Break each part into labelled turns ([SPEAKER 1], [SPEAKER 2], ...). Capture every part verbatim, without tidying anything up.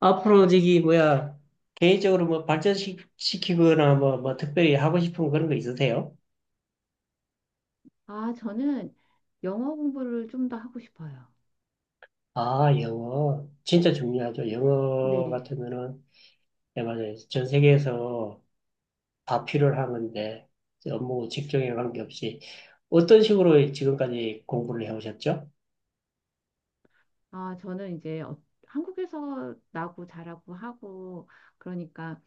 [SPEAKER 1] 앞으로 저기 뭐야 개인적으로 뭐 발전시키거나 뭐, 뭐 특별히 하고 싶은 그런 거 있으세요?
[SPEAKER 2] 아, 저는 영어 공부를 좀 더 하고 싶어요.
[SPEAKER 1] 아, 영어 진짜 중요하죠. 영어
[SPEAKER 2] 네.
[SPEAKER 1] 같으면은 네, 맞아요. 전 세계에서 다 필요한 건데 업무 직종에 관계없이 어떤 식으로 지금까지 공부를 해오셨죠?
[SPEAKER 2] 아, 저는 이제 어- 한국에서 나고 자라고 하고, 그러니까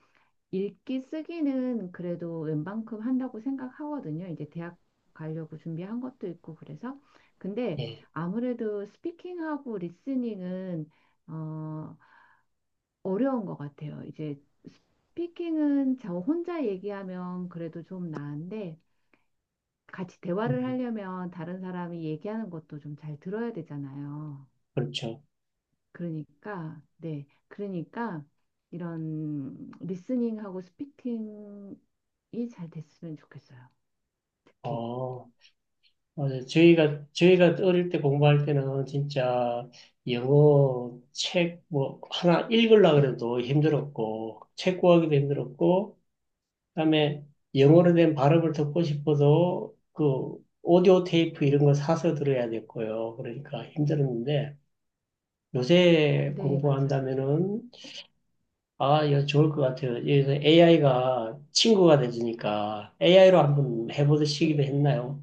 [SPEAKER 2] 읽기 쓰기는 그래도 웬만큼 한다고 생각하거든요. 이제 대학 가려고 준비한 것도 있고, 그래서. 근데
[SPEAKER 1] 예,
[SPEAKER 2] 아무래도 스피킹하고 리스닝은, 어, 어려운 것 같아요. 이제 스피킹은 저 혼자 얘기하면 그래도 좀 나은데, 같이
[SPEAKER 1] 음,
[SPEAKER 2] 대화를 하려면 다른 사람이 얘기하는 것도 좀 잘 들어야 되잖아요.
[SPEAKER 1] 그렇죠.
[SPEAKER 2] 그러니까, 네. 그러니까 이런 리스닝하고 스피킹이 잘 됐으면 좋겠어요. 특히.
[SPEAKER 1] 어, 맞아요. 저희가, 저희가 어릴 때 공부할 때는 진짜 영어 책 뭐 하나 읽으려고 그래도 힘들었고, 책 구하기도 힘들었고, 그다음에 영어로 된 발음을 듣고 싶어도 그 오디오 테이프 이런 거 사서 들어야 됐고요. 그러니까 힘들었는데, 요새
[SPEAKER 2] 네, 맞아요.
[SPEAKER 1] 공부한다면은, 아, 이거 좋을 것 같아요. 여기서 에이아이가 친구가 되니까 에이아이로 한번 해보듯이기도
[SPEAKER 2] 네.
[SPEAKER 1] 했나요?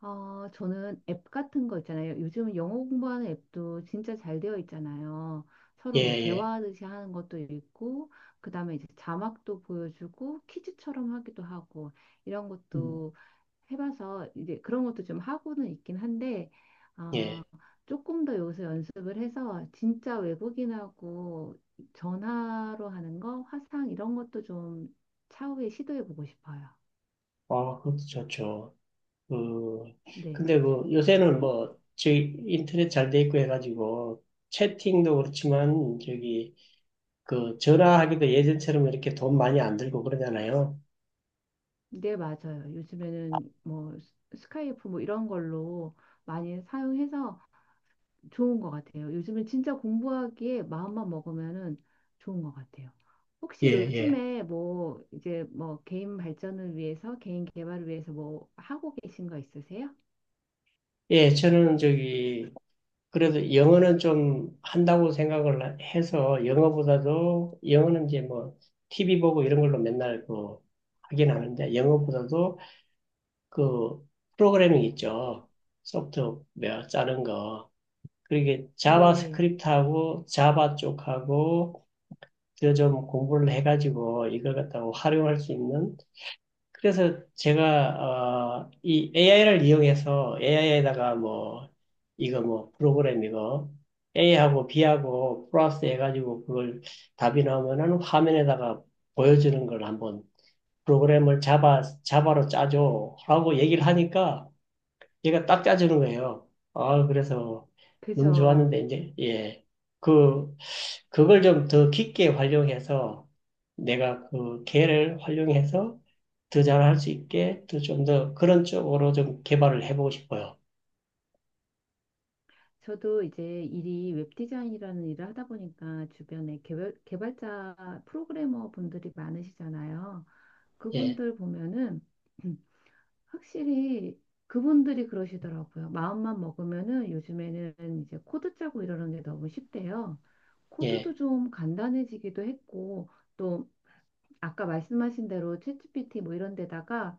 [SPEAKER 2] 어, 저는 앱 같은 거 있잖아요. 요즘은 영어 공부하는 앱도 진짜 잘 되어 있잖아요.
[SPEAKER 1] 예,
[SPEAKER 2] 서로 뭐
[SPEAKER 1] 예.
[SPEAKER 2] 대화하듯이 하는 것도 있고, 그 다음에 이제 자막도 보여주고, 퀴즈처럼 하기도 하고, 이런
[SPEAKER 1] 음,
[SPEAKER 2] 것도 해봐서 이제 그런 것도 좀 하고는 있긴 한데, 어,
[SPEAKER 1] 예.
[SPEAKER 2] 조금 더 여기서 연습을 해서 진짜 외국인하고 전화로 하는 거, 화상 이런 것도 좀 차후에 시도해 보고 싶어요.
[SPEAKER 1] 아, 그것도 좋죠. 그,
[SPEAKER 2] 네.
[SPEAKER 1] 근데 그, 요새는
[SPEAKER 2] 어?
[SPEAKER 1] 뭐, 저기, 인터넷 잘 돼 있고 해가지고, 채팅도 그렇지만, 저기, 그, 전화하기도 예전처럼 이렇게 돈 많이 안 들고 그러잖아요.
[SPEAKER 2] 네, 맞아요. 요즘에는 뭐 스- 스카이프 뭐 이런 걸로 많이 사용해서 좋은 것 같아요. 요즘은 진짜 공부하기에 마음만 먹으면은 좋은 것 같아요.
[SPEAKER 1] 예,
[SPEAKER 2] 혹시
[SPEAKER 1] 예.
[SPEAKER 2] 요즘에 뭐 이제 뭐 개인 발전을 위해서 개인 개발을 위해서 뭐 하고 계신 거 있으세요?
[SPEAKER 1] 예, 저는 저기, 그래도 영어는 좀 한다고 생각을 해서, 영어보다도, 영어는 이제 뭐, 티비 보고 이런 걸로 맨날 그, 하긴 하는데, 영어보다도 그, 프로그래밍 있죠. 소프트웨어 짜는 거. 그렇게
[SPEAKER 2] 네,
[SPEAKER 1] 자바스크립트하고 자바 쪽하고 그좀 공부를 해가지고 이걸 갖다가 활용할 수 있는 그래서 제가 어, 이 에이아이를 이용해서 에이아이에다가 뭐 이거 뭐 프로그램 이거 에이하고 비하고 플러스 해가지고 그걸 답이 나오면은 화면에다가 보여주는 걸 한번 프로그램을 자바 자바로 짜줘라고 얘기를 하니까 얘가 딱 짜주는 거예요. 아, 그래서 너무
[SPEAKER 2] 그죠.
[SPEAKER 1] 좋았는데, 이제, 예. 그, 그걸 좀 더 깊게 활용해서 내가 그 개를 활용해서 더 잘할 수 있게 더 좀 더 그런 쪽으로 좀 개발을 해보고 싶어요.
[SPEAKER 2] 저도 이제 일이 웹디자인이라는 일을 하다 보니까 주변에 개발, 개발자 프로그래머 분들이 많으시잖아요.
[SPEAKER 1] 예,
[SPEAKER 2] 그분들 보면은 확실히 그분들이 그러시더라고요. 마음만 먹으면은 요즘에는 이제 코드 짜고 이러는 게 너무 쉽대요.
[SPEAKER 1] 예,
[SPEAKER 2] 코드도 좀 간단해지기도 했고 또 아까 말씀하신 대로 챗지피티 뭐 이런 데다가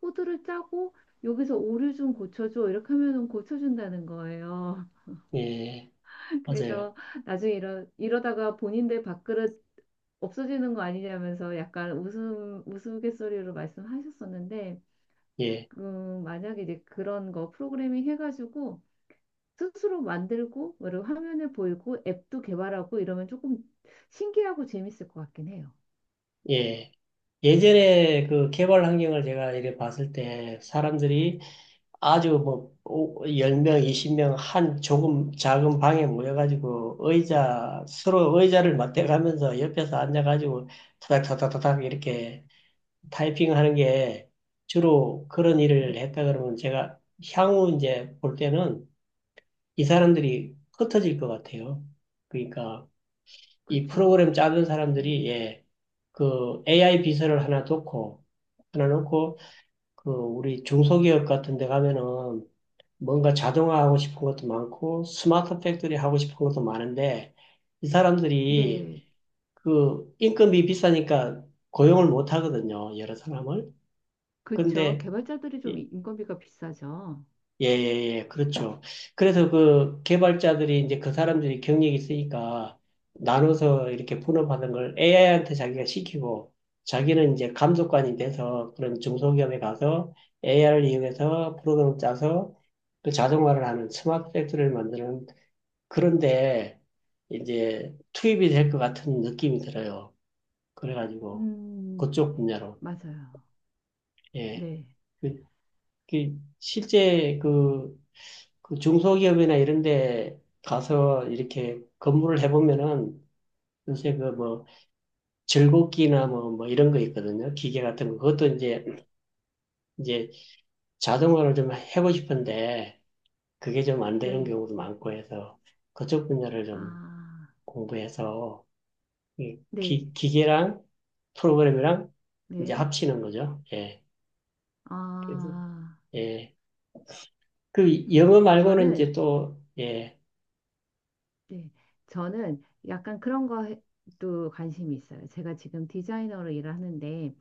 [SPEAKER 2] 코드를 짜고 여기서 오류 좀 고쳐줘 이렇게 하면은 고쳐준다는 거예요.
[SPEAKER 1] 예. 맞아요.
[SPEAKER 2] 그래서 나중에 이러, 이러다가 본인들 밥그릇 없어지는 거 아니냐면서 약간 웃음 우스갯소리로 말씀하셨었는데
[SPEAKER 1] 예,
[SPEAKER 2] 음, 만약에 이제 그런 거 프로그래밍 해가지고 스스로 만들고 그리고 화면을 보이고 앱도 개발하고 이러면 조금 신기하고 재밌을 것 같긴 해요.
[SPEAKER 1] 예. 예전에 그 개발 환경을 제가 이렇게 봤을 때 사람들이 아주 뭐, 열 10명, 스무 명 한 조금 작은 방에 모여가지고 의자, 서로 의자를 맞대가면서 옆에서 앉아가지고 타닥타닥타닥 이렇게 타이핑하는 게 주로 그런
[SPEAKER 2] 네,
[SPEAKER 1] 일을 했다 그러면 제가 향후 이제 볼 때는 이 사람들이 흩어질 것 같아요. 그러니까 이 프로그램
[SPEAKER 2] 그쵸.
[SPEAKER 1] 짜는 사람들이
[SPEAKER 2] 음,
[SPEAKER 1] 예, 그 에이아이 비서를 하나 놓고 하나 놓고 그 우리 중소기업 같은 데 가면은 뭔가 자동화하고 싶은 것도 많고 스마트 팩토리 하고 싶은 것도 많은데 이 사람들이
[SPEAKER 2] 네,
[SPEAKER 1] 그 인건비 비싸니까 고용을 못 하거든요. 여러 사람을.
[SPEAKER 2] 그쵸.
[SPEAKER 1] 근데
[SPEAKER 2] 개발자들이 좀 인건비가 비싸죠.
[SPEAKER 1] 예, 예, 예, 그렇죠. 그래서 그 개발자들이 이제 그 사람들이 경력이 있으니까 나눠서 이렇게 분업하는 걸 에이아이한테 자기가 시키고 자기는 이제 감독관이 돼서 그런 중소기업에 가서 에이아이를 이용해서 프로그램을 짜서 그 자동화를 하는 스마트 팩토리를 만드는 그런데 이제 투입이 될 것 같은 느낌이 들어요. 그래가지고
[SPEAKER 2] 음,
[SPEAKER 1] 그쪽 분야로.
[SPEAKER 2] 맞아요.
[SPEAKER 1] 예.
[SPEAKER 2] 네,
[SPEAKER 1] 그- 그 실제 그 그 중소기업이나 이런 데 가서 이렇게 근무를 해보면은 요새 그 뭐 즐겁기나 뭐, 뭐 이런 거 있거든요. 기계 같은 거. 그것도 이제, 이제 자동화를 좀 하고 싶은데 그게 좀 안 되는
[SPEAKER 2] 네,
[SPEAKER 1] 경우도 많고 해서 그쪽 분야를 좀
[SPEAKER 2] 아,
[SPEAKER 1] 공부해서 이
[SPEAKER 2] 네,
[SPEAKER 1] 기, 기계랑 프로그램이랑 이제
[SPEAKER 2] 네,
[SPEAKER 1] 합치는 거죠. 예. 그래서,
[SPEAKER 2] 아,
[SPEAKER 1] 예. 그 영어 말고는
[SPEAKER 2] 저는
[SPEAKER 1] 이제 또, 예,
[SPEAKER 2] 네, 저는 약간 그런 것도 관심이 있어요. 제가 지금 디자이너로 일을 하는데,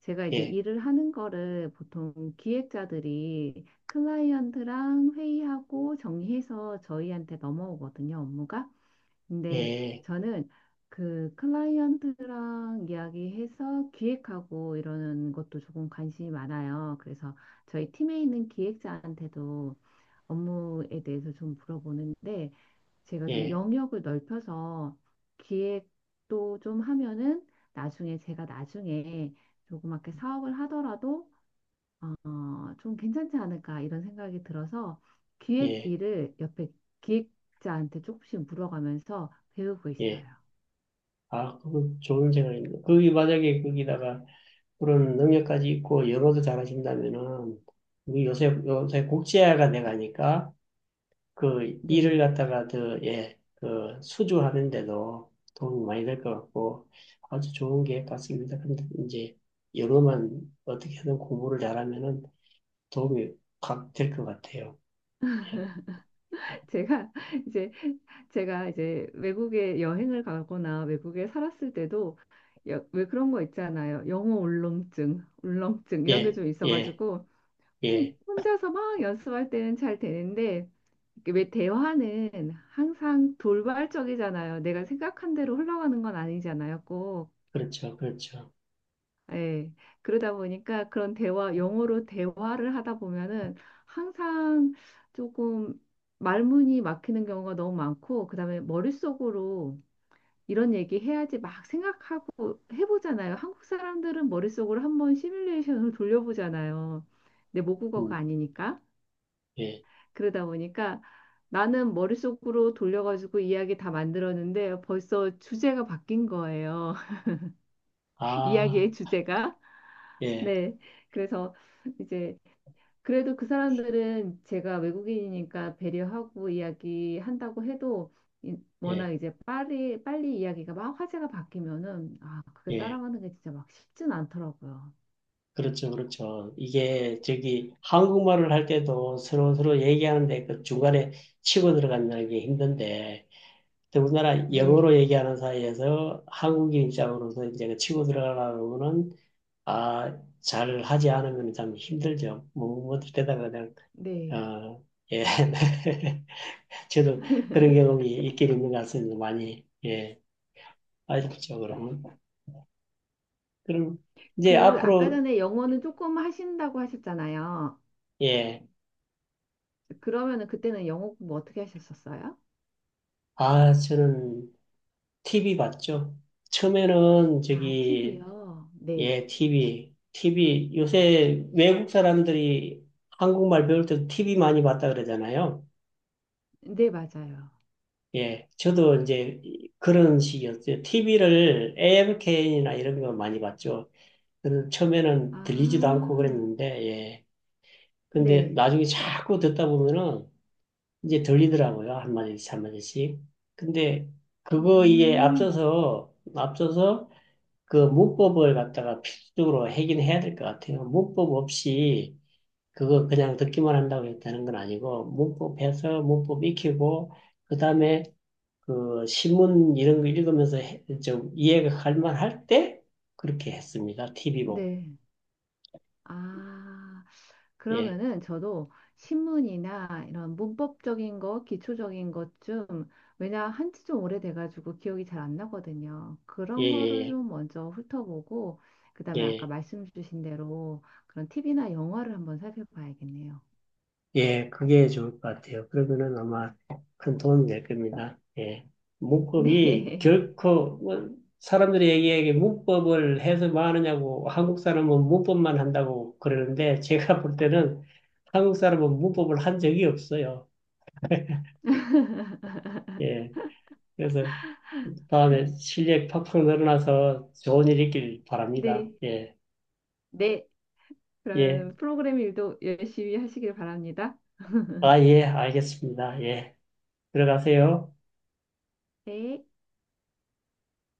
[SPEAKER 2] 제가 이제
[SPEAKER 1] 예,
[SPEAKER 2] 일을 하는 거를 보통 기획자들이 클라이언트랑 회의하고 정리해서 저희한테 넘어오거든요, 업무가. 근데
[SPEAKER 1] 예,
[SPEAKER 2] 저는 그 클라이언트랑 이야기해서 기획하고 이러는 것도 조금 관심이 많아요. 그래서 저희 팀에 있는 기획자한테도 업무에 대해서 좀 물어보는데, 제가 좀
[SPEAKER 1] 예,
[SPEAKER 2] 영역을 넓혀서 기획도 좀 하면은 나중에 제가 나중에 조그맣게 사업을 하더라도 어, 좀 괜찮지 않을까 이런 생각이 들어서 기획
[SPEAKER 1] 예,
[SPEAKER 2] 일을 옆에 기획자한테 조금씩 물어가면서 배우고 있어요.
[SPEAKER 1] 예. 아, 그거 좋은 생각입니다. 거기 만약에 거기다가 그런 능력까지 있고 영어도 잘하신다면은 우리 요새 요새 국제화가 돼가니까 그 일을
[SPEAKER 2] 네.
[SPEAKER 1] 갖다가 더 예, 그 수주하는데도 도움이 많이 될 것 같고 아주 좋은 계획 같습니다. 근데 이제 영어만 어떻게든 공부를 잘하면은 도움이 확 될 것 같아요. 예,
[SPEAKER 2] 제가 이제 제가 이제 외국에 여행을 가거나 외국에 살았을 때도 여- 왜 그런 거 있잖아요. 영어 울렁증, 울렁증 이런 게
[SPEAKER 1] 예,
[SPEAKER 2] 좀
[SPEAKER 1] 예,
[SPEAKER 2] 있어가지고 혼-
[SPEAKER 1] 예.
[SPEAKER 2] 혼자서 막 연습할 때는 잘 되는데 이게 왜 대화는 항상 돌발적이잖아요. 내가 생각한 대로 흘러가는 건 아니잖아요, 꼭.
[SPEAKER 1] 그렇죠, 그렇죠.
[SPEAKER 2] 예. 그러다 보니까 그런 대화, 영어로 대화를 하다 보면은 항상 조금 말문이 막히는 경우가 너무 많고, 그다음에 머릿속으로 이런 얘기 해야지 막 생각하고 해보잖아요. 한국 사람들은 머릿속으로 한번 시뮬레이션을 돌려보잖아요. 내 모국어가
[SPEAKER 1] 음,
[SPEAKER 2] 아니니까.
[SPEAKER 1] 예,
[SPEAKER 2] 그러다 보니까 나는 머릿속으로 돌려가지고 이야기 다 만들었는데 벌써 주제가 바뀐 거예요.
[SPEAKER 1] 아,
[SPEAKER 2] 이야기의 주제가.
[SPEAKER 1] 예,
[SPEAKER 2] 네. 그래서 이제 그래도 그 사람들은 제가 외국인이니까 배려하고 이야기한다고 해도 이- 워낙
[SPEAKER 1] 예,
[SPEAKER 2] 이제 빨리 빨리 이야기가 막 화제가 바뀌면은 아, 그게
[SPEAKER 1] 예.
[SPEAKER 2] 따라가는 게 진짜 막 쉽진 않더라고요.
[SPEAKER 1] 그렇죠, 그렇죠. 이게 저기 한국말을 할 때도 서로 서로 얘기하는데 그 중간에 치고 들어간다는 게 힘든데 더군다나 영어로
[SPEAKER 2] 네.
[SPEAKER 1] 얘기하는 사이에서 한국인 입장으로서 이제 그 치고 들어가려면은 아, 잘 하지 않으면 참 힘들죠. 뭐, 뭐 되다가 그냥
[SPEAKER 2] 네.
[SPEAKER 1] 어, 예. 저도 그런 경험이 있긴 있는 것 같습니다. 많이, 예. 아쉽죠, 그러면. 그럼, 이제
[SPEAKER 2] 그 아까
[SPEAKER 1] 앞으로,
[SPEAKER 2] 전에 영어는 조금 하신다고 하셨잖아요.
[SPEAKER 1] 예.
[SPEAKER 2] 그러면은 그때는 영어 공부 어떻게 하셨었어요?
[SPEAKER 1] 아, 저는 티비 봤죠? 처음에는
[SPEAKER 2] 아,
[SPEAKER 1] 저기,
[SPEAKER 2] 팁이요. 네.
[SPEAKER 1] 예, TV. TV, 요새 외국 사람들이 한국말 배울 때도 티비 많이 봤다 그러잖아요.
[SPEAKER 2] 네, 맞아요.
[SPEAKER 1] 예, 저도 이제 그런 식이었어요. 티비를 에이엠케이엔이나 이런 거 많이 봤죠. 저는
[SPEAKER 2] 아,
[SPEAKER 1] 처음에는 들리지도 않고 그랬는데, 예. 근데
[SPEAKER 2] 네.
[SPEAKER 1] 나중에 자꾸 듣다 보면은 이제 들리더라고요. 한마디씩, 한마디씩. 근데 그거에
[SPEAKER 2] 음,
[SPEAKER 1] 앞서서, 앞서서 그 문법을 갖다가 필수적으로 하긴 해야 될 것 같아요. 문법 없이 그거 그냥 듣기만 한다고 했다는 건 아니고 문법해서 문법 익히고 그다음에 그 신문 이런 거 읽으면서 해- 좀 이해가 갈 만할 때 그렇게 했습니다. 티비 보고.
[SPEAKER 2] 네. 아,
[SPEAKER 1] 예,
[SPEAKER 2] 그러면은 저도 신문이나 이런 문법적인 거, 기초적인 것 좀, 왜냐 한지 좀 오래돼가지고 기억이 잘 안 나거든요.
[SPEAKER 1] 예,
[SPEAKER 2] 그런 거를
[SPEAKER 1] 예,
[SPEAKER 2] 좀 먼저 훑어보고,
[SPEAKER 1] 예.
[SPEAKER 2] 그다음에 아까
[SPEAKER 1] 예.
[SPEAKER 2] 말씀 주신 대로 그런 팁이나 영화를 한번 살펴봐야겠네요.
[SPEAKER 1] 예, 그게 좋을 것 같아요. 그러면은 아마 큰 도움이 될 겁니다. 예. 문법이
[SPEAKER 2] 네.
[SPEAKER 1] 결코, 뭐, 사람들이 얘기하기에 문법을 해서 뭐 하느냐고, 한국 사람은 문법만 한다고 그러는데, 제가 볼 때는 한국 사람은 문법을 한 적이 없어요. 예. 그래서 다음에 실력 팍팍 늘어나서 좋은 일 있길 바랍니다.
[SPEAKER 2] 네,
[SPEAKER 1] 예.
[SPEAKER 2] 네.
[SPEAKER 1] 예.
[SPEAKER 2] 그러면 프로그램 일도 열심히 하시길 바랍니다.
[SPEAKER 1] 아, 예. 알겠습니다. 예. 들어가세요.
[SPEAKER 2] 네.